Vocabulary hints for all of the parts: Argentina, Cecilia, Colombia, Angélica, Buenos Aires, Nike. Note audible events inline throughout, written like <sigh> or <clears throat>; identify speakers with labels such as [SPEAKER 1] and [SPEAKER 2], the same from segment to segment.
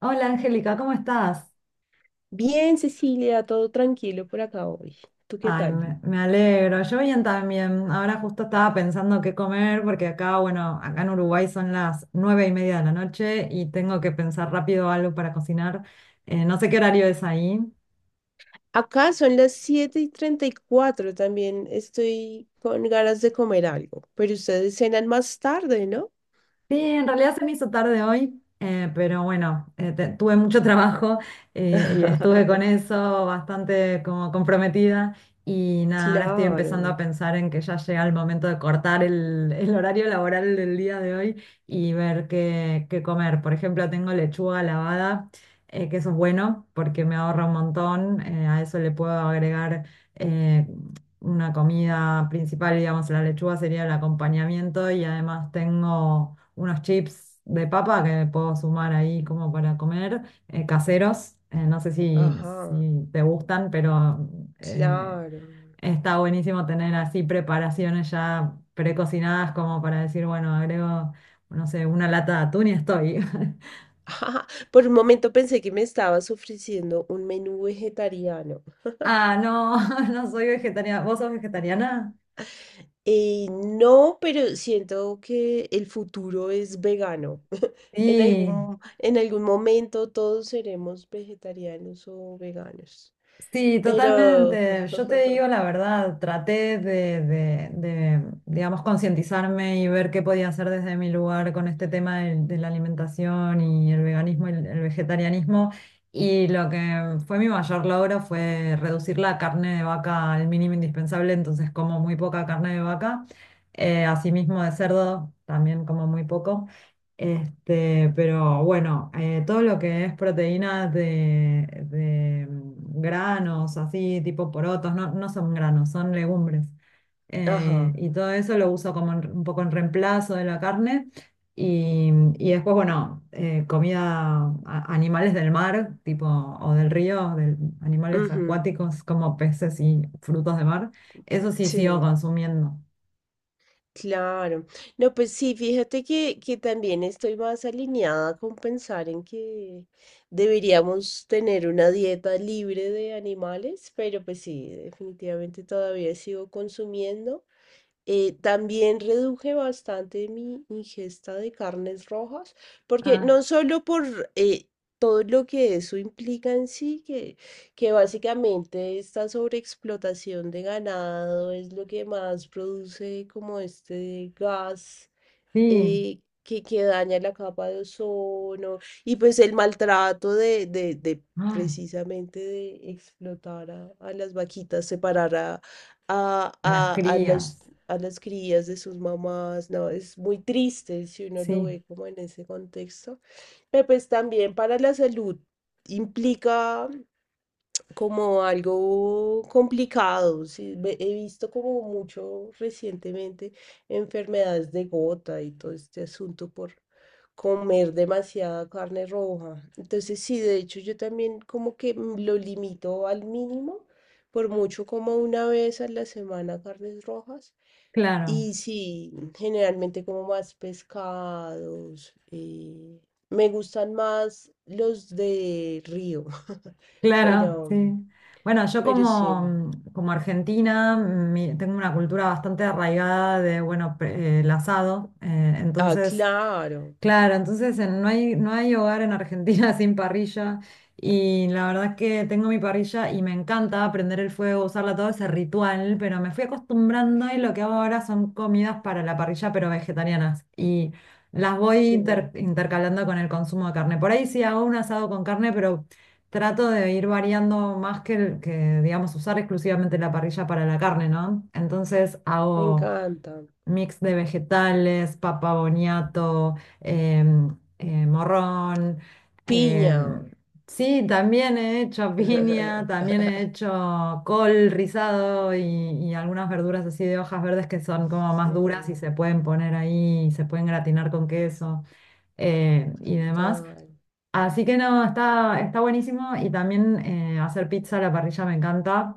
[SPEAKER 1] Hola Angélica, ¿cómo estás?
[SPEAKER 2] Bien, Cecilia, todo tranquilo por acá hoy. ¿Tú qué
[SPEAKER 1] Ay,
[SPEAKER 2] tal?
[SPEAKER 1] me alegro. Yo bien también. Ahora justo estaba pensando qué comer porque acá, bueno, acá en Uruguay son las 9:30 de la noche y tengo que pensar rápido algo para cocinar. No sé qué horario es ahí.
[SPEAKER 2] Acá son las 7:34. También estoy con ganas de comer algo, pero ustedes cenan más tarde, ¿no?
[SPEAKER 1] Sí, en realidad se me hizo tarde hoy, pero bueno, tuve mucho <laughs> trabajo y estuve con
[SPEAKER 2] <laughs>
[SPEAKER 1] eso bastante como comprometida y nada, ahora estoy empezando a
[SPEAKER 2] Claro,
[SPEAKER 1] pensar en que ya llega el momento de cortar el horario laboral del día de hoy y ver qué comer. Por ejemplo, tengo lechuga lavada, que eso es bueno porque me ahorra un montón. A eso le puedo agregar... eh, una comida principal, digamos, la lechuga sería el acompañamiento y además tengo unos chips de papa que puedo sumar ahí como para comer, caseros. No sé si,
[SPEAKER 2] ajá,
[SPEAKER 1] si te gustan, pero eh,
[SPEAKER 2] claro. <laughs>
[SPEAKER 1] está buenísimo tener así preparaciones ya precocinadas como para decir, bueno, agrego, no sé, una lata de atún y estoy. <laughs>
[SPEAKER 2] Ajá, por un momento pensé que me estabas ofreciendo un menú vegetariano.
[SPEAKER 1] Ah, no, <laughs> no soy vegetariana. ¿Vos sos vegetariana?
[SPEAKER 2] <laughs> No, pero siento que el futuro es vegano. En
[SPEAKER 1] Sí.
[SPEAKER 2] algún, en algún momento todos seremos vegetarianos o veganos.
[SPEAKER 1] Sí,
[SPEAKER 2] Pero,
[SPEAKER 1] totalmente. Yo te digo la verdad, traté de digamos, concientizarme y ver qué podía hacer desde mi lugar con este tema de la alimentación y el veganismo y el vegetarianismo. Y lo que fue mi mayor logro fue reducir la carne de vaca al mínimo indispensable, entonces como muy poca carne de vaca. Asimismo de cerdo, también como muy poco. Este, pero bueno, todo lo que es proteínas de granos, así, tipo porotos, no, no son granos, son legumbres.
[SPEAKER 2] ajá,
[SPEAKER 1] Y todo eso lo uso como un poco en reemplazo de la carne. Y, y después, bueno, comida, animales del mar, tipo, o del río, animales
[SPEAKER 2] ujú,
[SPEAKER 1] acuáticos como peces y frutos de mar. Eso sí sigo
[SPEAKER 2] sí,
[SPEAKER 1] consumiendo.
[SPEAKER 2] claro. No, pues sí, fíjate que, también estoy más alineada con pensar en que deberíamos tener una dieta libre de animales, pero pues sí, definitivamente todavía sigo consumiendo. También reduje bastante mi ingesta de carnes rojas, porque
[SPEAKER 1] Ah,
[SPEAKER 2] no solo por todo lo que eso implica en sí, que, básicamente esta sobreexplotación de ganado es lo que más produce como este gas
[SPEAKER 1] sí.
[SPEAKER 2] que daña la capa de ozono y pues el maltrato de, de
[SPEAKER 1] Ay,
[SPEAKER 2] precisamente de explotar a las vaquitas, separar a,
[SPEAKER 1] a las
[SPEAKER 2] a, a los,
[SPEAKER 1] crías,
[SPEAKER 2] a las crías de sus mamás, no, es muy triste si uno lo
[SPEAKER 1] sí.
[SPEAKER 2] ve como en ese contexto, pero pues también para la salud implica como algo complicado. Sí, he visto como mucho recientemente enfermedades de gota y todo este asunto por comer demasiada carne roja. Entonces, sí, de hecho, yo también como que lo limito al mínimo, por mucho como una vez a la semana carnes rojas.
[SPEAKER 1] Claro,
[SPEAKER 2] Y sí, generalmente como más pescados. Me gustan más los de río, <laughs>
[SPEAKER 1] claro,
[SPEAKER 2] pero,
[SPEAKER 1] sí. Bueno, yo
[SPEAKER 2] pero sí.
[SPEAKER 1] como, como argentina tengo una cultura bastante arraigada de, bueno, el asado.
[SPEAKER 2] Ah,
[SPEAKER 1] Entonces,
[SPEAKER 2] claro.
[SPEAKER 1] claro, entonces no hay hogar en Argentina <laughs> sin parrilla. Y la verdad es que tengo mi parrilla y me encanta prender el fuego, usarla todo ese ritual, pero me fui acostumbrando y lo que hago ahora son comidas para la parrilla, pero vegetarianas. Y las voy
[SPEAKER 2] Qué bueno.
[SPEAKER 1] intercalando con el consumo de carne. Por ahí sí hago un asado con carne, pero trato de ir variando más que, que, digamos, usar exclusivamente la parrilla para la carne, ¿no? Entonces
[SPEAKER 2] Me
[SPEAKER 1] hago
[SPEAKER 2] encanta.
[SPEAKER 1] mix de vegetales, papa boniato, em, morrón.
[SPEAKER 2] Piña.
[SPEAKER 1] em, sí, también he hecho piña, también he
[SPEAKER 2] <laughs>
[SPEAKER 1] hecho col rizado y algunas verduras así de hojas verdes que son como
[SPEAKER 2] Sí,
[SPEAKER 1] más duras y se pueden poner ahí, se pueden gratinar con queso y demás.
[SPEAKER 2] total,
[SPEAKER 1] Así que no, está buenísimo y también hacer pizza a la parrilla me encanta.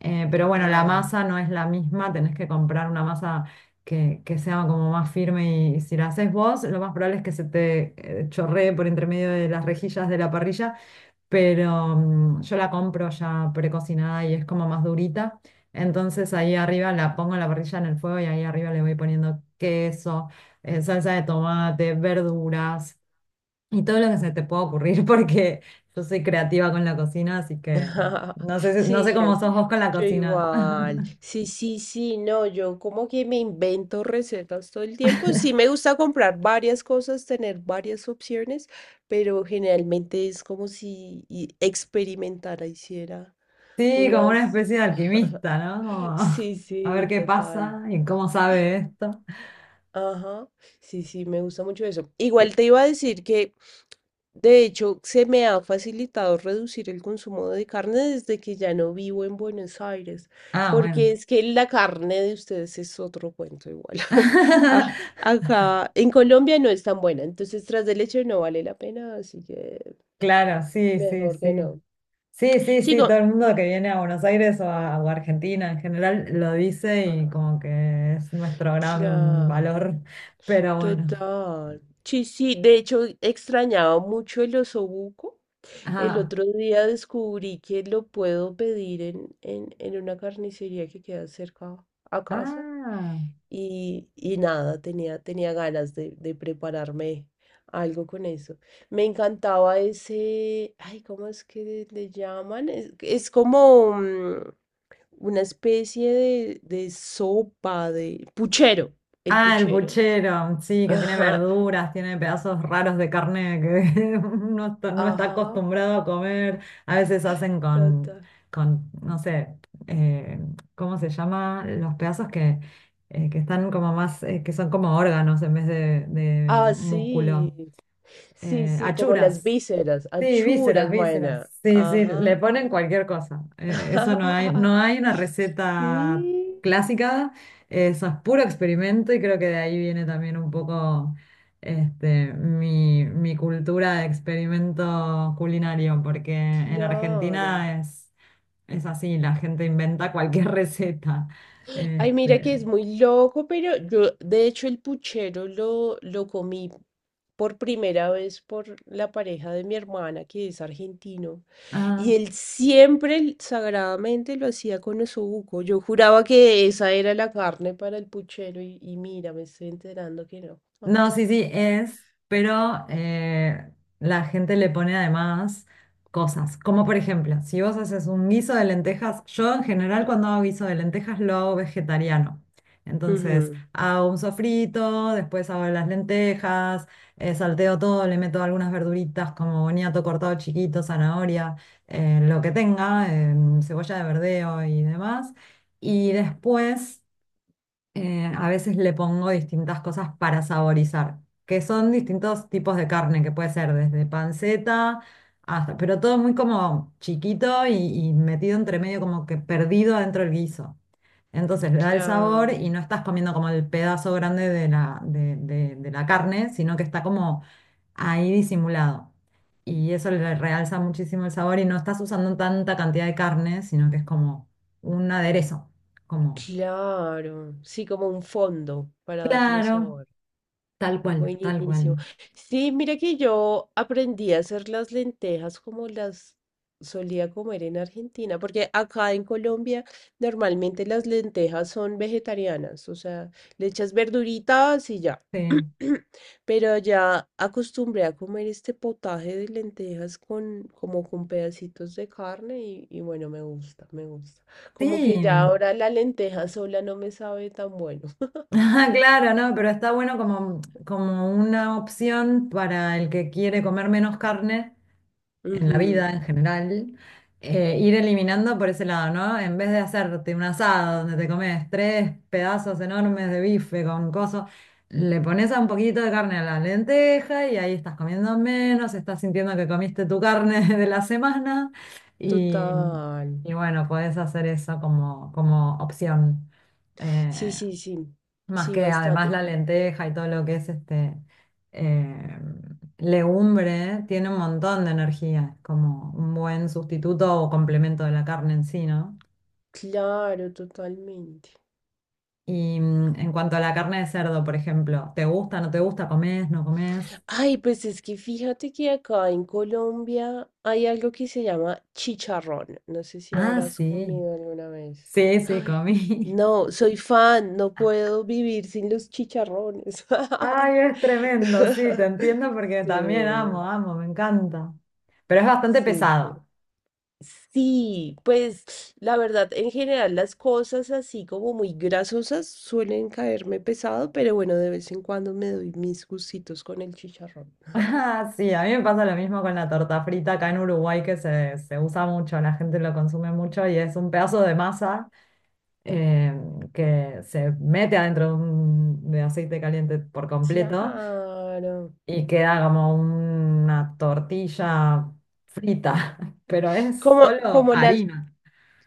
[SPEAKER 1] Pero bueno, la
[SPEAKER 2] total.
[SPEAKER 1] masa no es la misma, tenés que comprar una masa que sea como más firme y si la haces vos, lo más probable es que se te chorree por entre medio de las rejillas de la parrilla, pero yo la compro ya precocinada y es como más durita. Entonces ahí arriba la pongo en la parrilla en el fuego y ahí arriba le voy poniendo queso, salsa de tomate, verduras. Y todo lo que se te pueda ocurrir, <laughs> porque yo soy creativa con la cocina, así que
[SPEAKER 2] <laughs>
[SPEAKER 1] no sé, no sé
[SPEAKER 2] Sí, yo,
[SPEAKER 1] cómo sos vos con la
[SPEAKER 2] yo
[SPEAKER 1] cocina. <laughs>
[SPEAKER 2] igual. Sí, sí, sí, no, yo como que me invento recetas todo el tiempo. Sí, me gusta comprar varias cosas, tener varias opciones, pero generalmente es como si experimentara, hiciera
[SPEAKER 1] Sí, como una
[SPEAKER 2] unas...
[SPEAKER 1] especie de alquimista, ¿no? Como, <laughs>
[SPEAKER 2] Sí,
[SPEAKER 1] a ver
[SPEAKER 2] sí,
[SPEAKER 1] qué
[SPEAKER 2] total.
[SPEAKER 1] pasa y cómo sabe esto.
[SPEAKER 2] Ajá, sí, sí, me gusta mucho eso.
[SPEAKER 1] Y-
[SPEAKER 2] Igual te iba a decir que, de hecho, se me ha facilitado reducir el consumo de carne desde que ya no vivo en Buenos Aires,
[SPEAKER 1] ah, bueno.
[SPEAKER 2] porque es que la carne de ustedes es otro cuento igual. <laughs> A-
[SPEAKER 1] <laughs>
[SPEAKER 2] Acá en Colombia no es tan buena, entonces tras de leche no vale la pena, así que
[SPEAKER 1] Claro, sí, sí,
[SPEAKER 2] mejor que
[SPEAKER 1] sí.
[SPEAKER 2] no.
[SPEAKER 1] Sí, sí, sí,
[SPEAKER 2] Sigo.
[SPEAKER 1] todo el mundo que viene a Buenos Aires o a Argentina en general lo dice y
[SPEAKER 2] Ah.
[SPEAKER 1] como que es nuestro gran
[SPEAKER 2] Claro.
[SPEAKER 1] valor, pero bueno.
[SPEAKER 2] Total. Sí, sí, de hecho extrañaba mucho el osobuco. El
[SPEAKER 1] Ah,
[SPEAKER 2] otro día descubrí que lo puedo pedir en, en una carnicería que queda cerca a casa.
[SPEAKER 1] ah.
[SPEAKER 2] Y nada, tenía, ganas de prepararme algo con eso. Me encantaba ese, ay, ¿cómo es que le llaman? es, como, una especie de sopa, de puchero, el
[SPEAKER 1] Ah, el
[SPEAKER 2] puchero.
[SPEAKER 1] puchero, sí, que tiene
[SPEAKER 2] Ajá,
[SPEAKER 1] verduras, tiene pedazos raros de carne que <laughs> uno no está
[SPEAKER 2] ajá,
[SPEAKER 1] acostumbrado a comer. A veces hacen
[SPEAKER 2] ta,
[SPEAKER 1] con,
[SPEAKER 2] ta.
[SPEAKER 1] con no sé, eh, ¿cómo se llama? Los pedazos que están como más, que son como órganos en vez de
[SPEAKER 2] Ah, sí,
[SPEAKER 1] músculo.
[SPEAKER 2] sí, sí, como las
[SPEAKER 1] Achuras.
[SPEAKER 2] vísceras,
[SPEAKER 1] Sí, vísceras,
[SPEAKER 2] achuras, buena.
[SPEAKER 1] vísceras. Sí, sí, le
[SPEAKER 2] Ajá.
[SPEAKER 1] ponen cualquier cosa. Eso no hay, no
[SPEAKER 2] <laughs>
[SPEAKER 1] hay una receta
[SPEAKER 2] Sí,
[SPEAKER 1] clásica, eso es puro experimento y creo que de ahí viene también un poco este, mi cultura de experimento culinario, porque en
[SPEAKER 2] claro.
[SPEAKER 1] Argentina es así, la gente inventa cualquier <laughs> receta.
[SPEAKER 2] Ay, mira que
[SPEAKER 1] Este,
[SPEAKER 2] es muy loco, pero yo, de hecho, el puchero lo, comí por primera vez por la pareja de mi hermana, que es argentino.
[SPEAKER 1] ah,
[SPEAKER 2] Y él siempre sagradamente lo hacía con osobuco. Yo juraba que esa era la carne para el puchero y mira, me estoy enterando que no. <laughs>
[SPEAKER 1] no, sí, sí, es, pero la gente le pone además cosas, como por ejemplo, si vos haces un guiso de lentejas, yo en general cuando hago guiso de lentejas lo hago vegetariano. Entonces
[SPEAKER 2] Ujú,
[SPEAKER 1] hago un sofrito, después hago las lentejas, salteo todo, le meto algunas verduritas como boniato cortado chiquito, zanahoria, lo que tenga, cebolla de verdeo y demás. Y después a veces le pongo distintas cosas para saborizar, que son distintos tipos de carne, que puede ser desde panceta hasta, pero todo muy como chiquito y metido entre medio, como que perdido dentro del guiso. Entonces le da el sabor y
[SPEAKER 2] claro,
[SPEAKER 1] no estás comiendo como el pedazo grande de la carne, sino que está como ahí disimulado. Y eso le realza muchísimo el sabor y no estás usando tanta cantidad de carne, sino que es como un aderezo, como.
[SPEAKER 2] claro. Sí, como un fondo para darle
[SPEAKER 1] Claro.
[SPEAKER 2] sabor.
[SPEAKER 1] Tal cual, tal
[SPEAKER 2] Buenísimo.
[SPEAKER 1] cual.
[SPEAKER 2] Sí, mira que yo aprendí a hacer las lentejas como las solía comer en Argentina, porque acá en Colombia normalmente las lentejas son vegetarianas, o sea, le echas verduritas y ya.
[SPEAKER 1] Sí.
[SPEAKER 2] <clears throat> Pero ya acostumbré a comer este potaje de lentejas con como con pedacitos de carne y bueno, me gusta, me gusta. Como
[SPEAKER 1] Sí.
[SPEAKER 2] que ya
[SPEAKER 1] <laughs>
[SPEAKER 2] ahora la lenteja sola no me sabe tan bueno. <laughs>
[SPEAKER 1] Ah, claro, no, pero está bueno como una opción para el que quiere comer menos carne en la
[SPEAKER 2] Ujú,
[SPEAKER 1] vida en general, ir eliminando por ese lado, ¿no? En vez de hacerte un asado donde te comes tres pedazos enormes de bife con coso, le pones a un poquito de carne a la lenteja y ahí estás comiendo menos, estás sintiendo que comiste tu carne <laughs> de la semana y,
[SPEAKER 2] total.
[SPEAKER 1] y bueno, podés hacer eso como opción.
[SPEAKER 2] Sí,
[SPEAKER 1] Eh,
[SPEAKER 2] sí, sí,
[SPEAKER 1] Más
[SPEAKER 2] sí,
[SPEAKER 1] que además
[SPEAKER 2] bastante.
[SPEAKER 1] la lenteja y todo lo que es este eh, legumbre tiene un montón de energía, es como un buen sustituto o complemento de la carne en sí, ¿no?
[SPEAKER 2] Claro, totalmente.
[SPEAKER 1] Y en cuanto a la carne de cerdo, por ejemplo, ¿te gusta, no te gusta, comés, no comés?
[SPEAKER 2] Ay, pues es que fíjate que acá en Colombia hay algo que se llama chicharrón. No sé si
[SPEAKER 1] Ah,
[SPEAKER 2] habrás
[SPEAKER 1] sí,
[SPEAKER 2] comido alguna vez.
[SPEAKER 1] sí, sí,
[SPEAKER 2] Ay,
[SPEAKER 1] comí.
[SPEAKER 2] no, soy fan, no puedo vivir sin los chicharrones.
[SPEAKER 1] <laughs> Ay, es tremendo, sí, te
[SPEAKER 2] <laughs>
[SPEAKER 1] entiendo porque
[SPEAKER 2] Sí,
[SPEAKER 1] también amo, amo, me encanta. Pero es bastante
[SPEAKER 2] sí, sí.
[SPEAKER 1] pesado.
[SPEAKER 2] Sí, pues la verdad, en general las cosas así como muy grasosas suelen caerme pesado, pero bueno, de vez en cuando me doy mis gustitos con el chicharrón.
[SPEAKER 1] Ah, sí, a mí me pasa lo mismo con la torta frita acá en Uruguay, que se usa mucho, la gente lo consume mucho y es un pedazo de masa eh, que se mete adentro de aceite caliente por completo
[SPEAKER 2] Claro.
[SPEAKER 1] y queda como una tortilla frita, <laughs> pero es
[SPEAKER 2] Como,
[SPEAKER 1] solo
[SPEAKER 2] como las,
[SPEAKER 1] harina.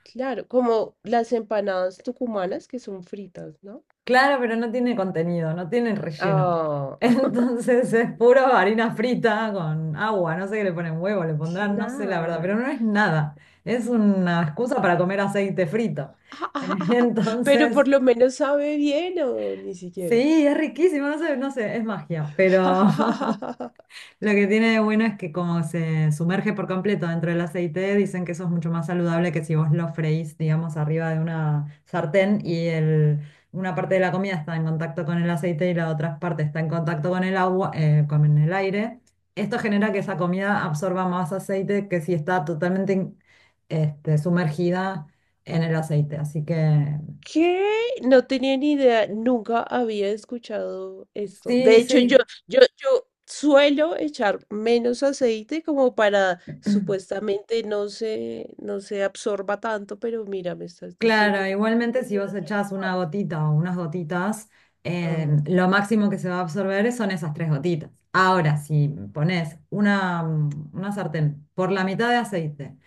[SPEAKER 2] claro, como las empanadas tucumanas que son fritas, ¿no?
[SPEAKER 1] Claro, pero no tiene contenido, no tiene relleno. <laughs>
[SPEAKER 2] Ah, <laughs>
[SPEAKER 1] Entonces es puro harina frita con agua, no sé qué le ponen huevo, le pondrán, no sé la verdad, pero
[SPEAKER 2] claro.
[SPEAKER 1] no es nada. Es una excusa para comer aceite frito. <laughs>
[SPEAKER 2] <laughs> Pero
[SPEAKER 1] Entonces,
[SPEAKER 2] por lo menos sabe bien o ni siquiera.
[SPEAKER 1] sí, es riquísimo, no sé, es magia, pero <laughs>
[SPEAKER 2] <laughs>
[SPEAKER 1] Lo que tiene de bueno es que como se sumerge por completo dentro del aceite, dicen que eso es mucho más saludable que si vos lo freís, digamos, arriba de una sartén y una parte de la comida está en contacto con el aceite y la otra parte está en contacto con el agua, con el aire. Esto genera que esa comida absorba más aceite que si está totalmente este, sumergida en el aceite. Así que
[SPEAKER 2] ¿Qué? No tenía ni idea, nunca había escuchado esto. De
[SPEAKER 1] sí,
[SPEAKER 2] hecho, yo,
[SPEAKER 1] sí.
[SPEAKER 2] yo, yo suelo echar menos aceite como para supuestamente no se absorba tanto, pero mira, me estás diciendo
[SPEAKER 1] Claro,
[SPEAKER 2] que
[SPEAKER 1] igualmente
[SPEAKER 2] he
[SPEAKER 1] si
[SPEAKER 2] venido
[SPEAKER 1] vos
[SPEAKER 2] haciendo
[SPEAKER 1] echás una
[SPEAKER 2] mal.
[SPEAKER 1] gotita o unas gotitas,
[SPEAKER 2] Ah,
[SPEAKER 1] lo máximo que se va a absorber son esas tres gotitas. Ahora, si pones una sartén por la mitad de aceite,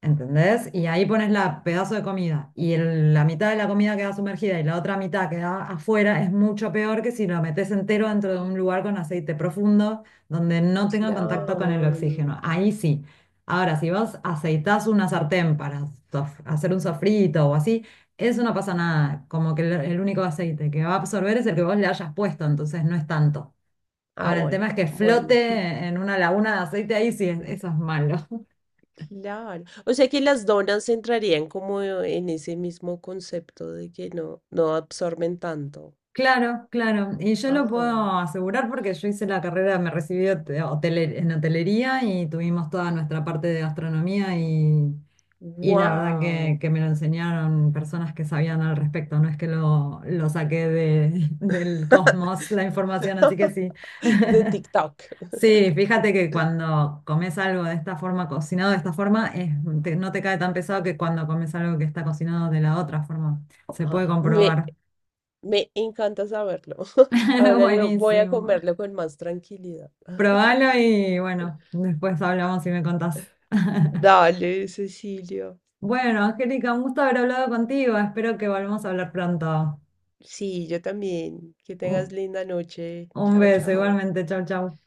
[SPEAKER 1] ¿entendés? Y ahí pones la pedazo de comida y la mitad de la comida queda sumergida y la otra mitad queda afuera, es mucho peor que si lo metes entero dentro de un
[SPEAKER 2] ah,
[SPEAKER 1] lugar con aceite profundo donde no tenga contacto con el oxígeno.
[SPEAKER 2] claro.
[SPEAKER 1] Ahí sí. Ahora, si vos aceitás una sartén para hacer un sofrito o así, eso no pasa nada. Como que el único aceite que va a absorber es el que vos le hayas puesto, entonces no es tanto.
[SPEAKER 2] Ah,
[SPEAKER 1] Ahora, el tema
[SPEAKER 2] bueno,
[SPEAKER 1] es que
[SPEAKER 2] bueno,
[SPEAKER 1] flote en una laguna de aceite, ahí sí, eso es malo.
[SPEAKER 2] claro. O sea que las donas entrarían como en ese mismo concepto de que no, no absorben tanto.
[SPEAKER 1] Claro, claro. Y yo lo
[SPEAKER 2] Ah.
[SPEAKER 1] puedo asegurar porque yo hice la carrera, me recibí en hotelería y tuvimos toda nuestra parte de gastronomía y la verdad
[SPEAKER 2] Wow.
[SPEAKER 1] que me lo enseñaron personas que sabían al respecto. No es que lo saqué <laughs> del
[SPEAKER 2] <laughs>
[SPEAKER 1] cosmos la información, así que sí.
[SPEAKER 2] De TikTok.
[SPEAKER 1] Sí, fíjate que cuando comes algo de esta forma, cocinado de esta forma, no te cae tan pesado que cuando comes algo que está cocinado de la otra forma. Se puede
[SPEAKER 2] Ay, me,
[SPEAKER 1] comprobar.
[SPEAKER 2] me encanta saberlo. <laughs>
[SPEAKER 1] <laughs>
[SPEAKER 2] Ahora lo voy a
[SPEAKER 1] Buenísimo.
[SPEAKER 2] comerlo con más tranquilidad.
[SPEAKER 1] Probalo y bueno, después hablamos y me contás. <laughs>
[SPEAKER 2] Dale, Cecilio.
[SPEAKER 1] Bueno, Angélica, un gusto haber hablado contigo. Espero que volvamos a hablar pronto.
[SPEAKER 2] Sí, yo también. Que tengas
[SPEAKER 1] Un
[SPEAKER 2] linda noche.
[SPEAKER 1] un
[SPEAKER 2] Chao,
[SPEAKER 1] beso,
[SPEAKER 2] chao.
[SPEAKER 1] igualmente. Chau, chau.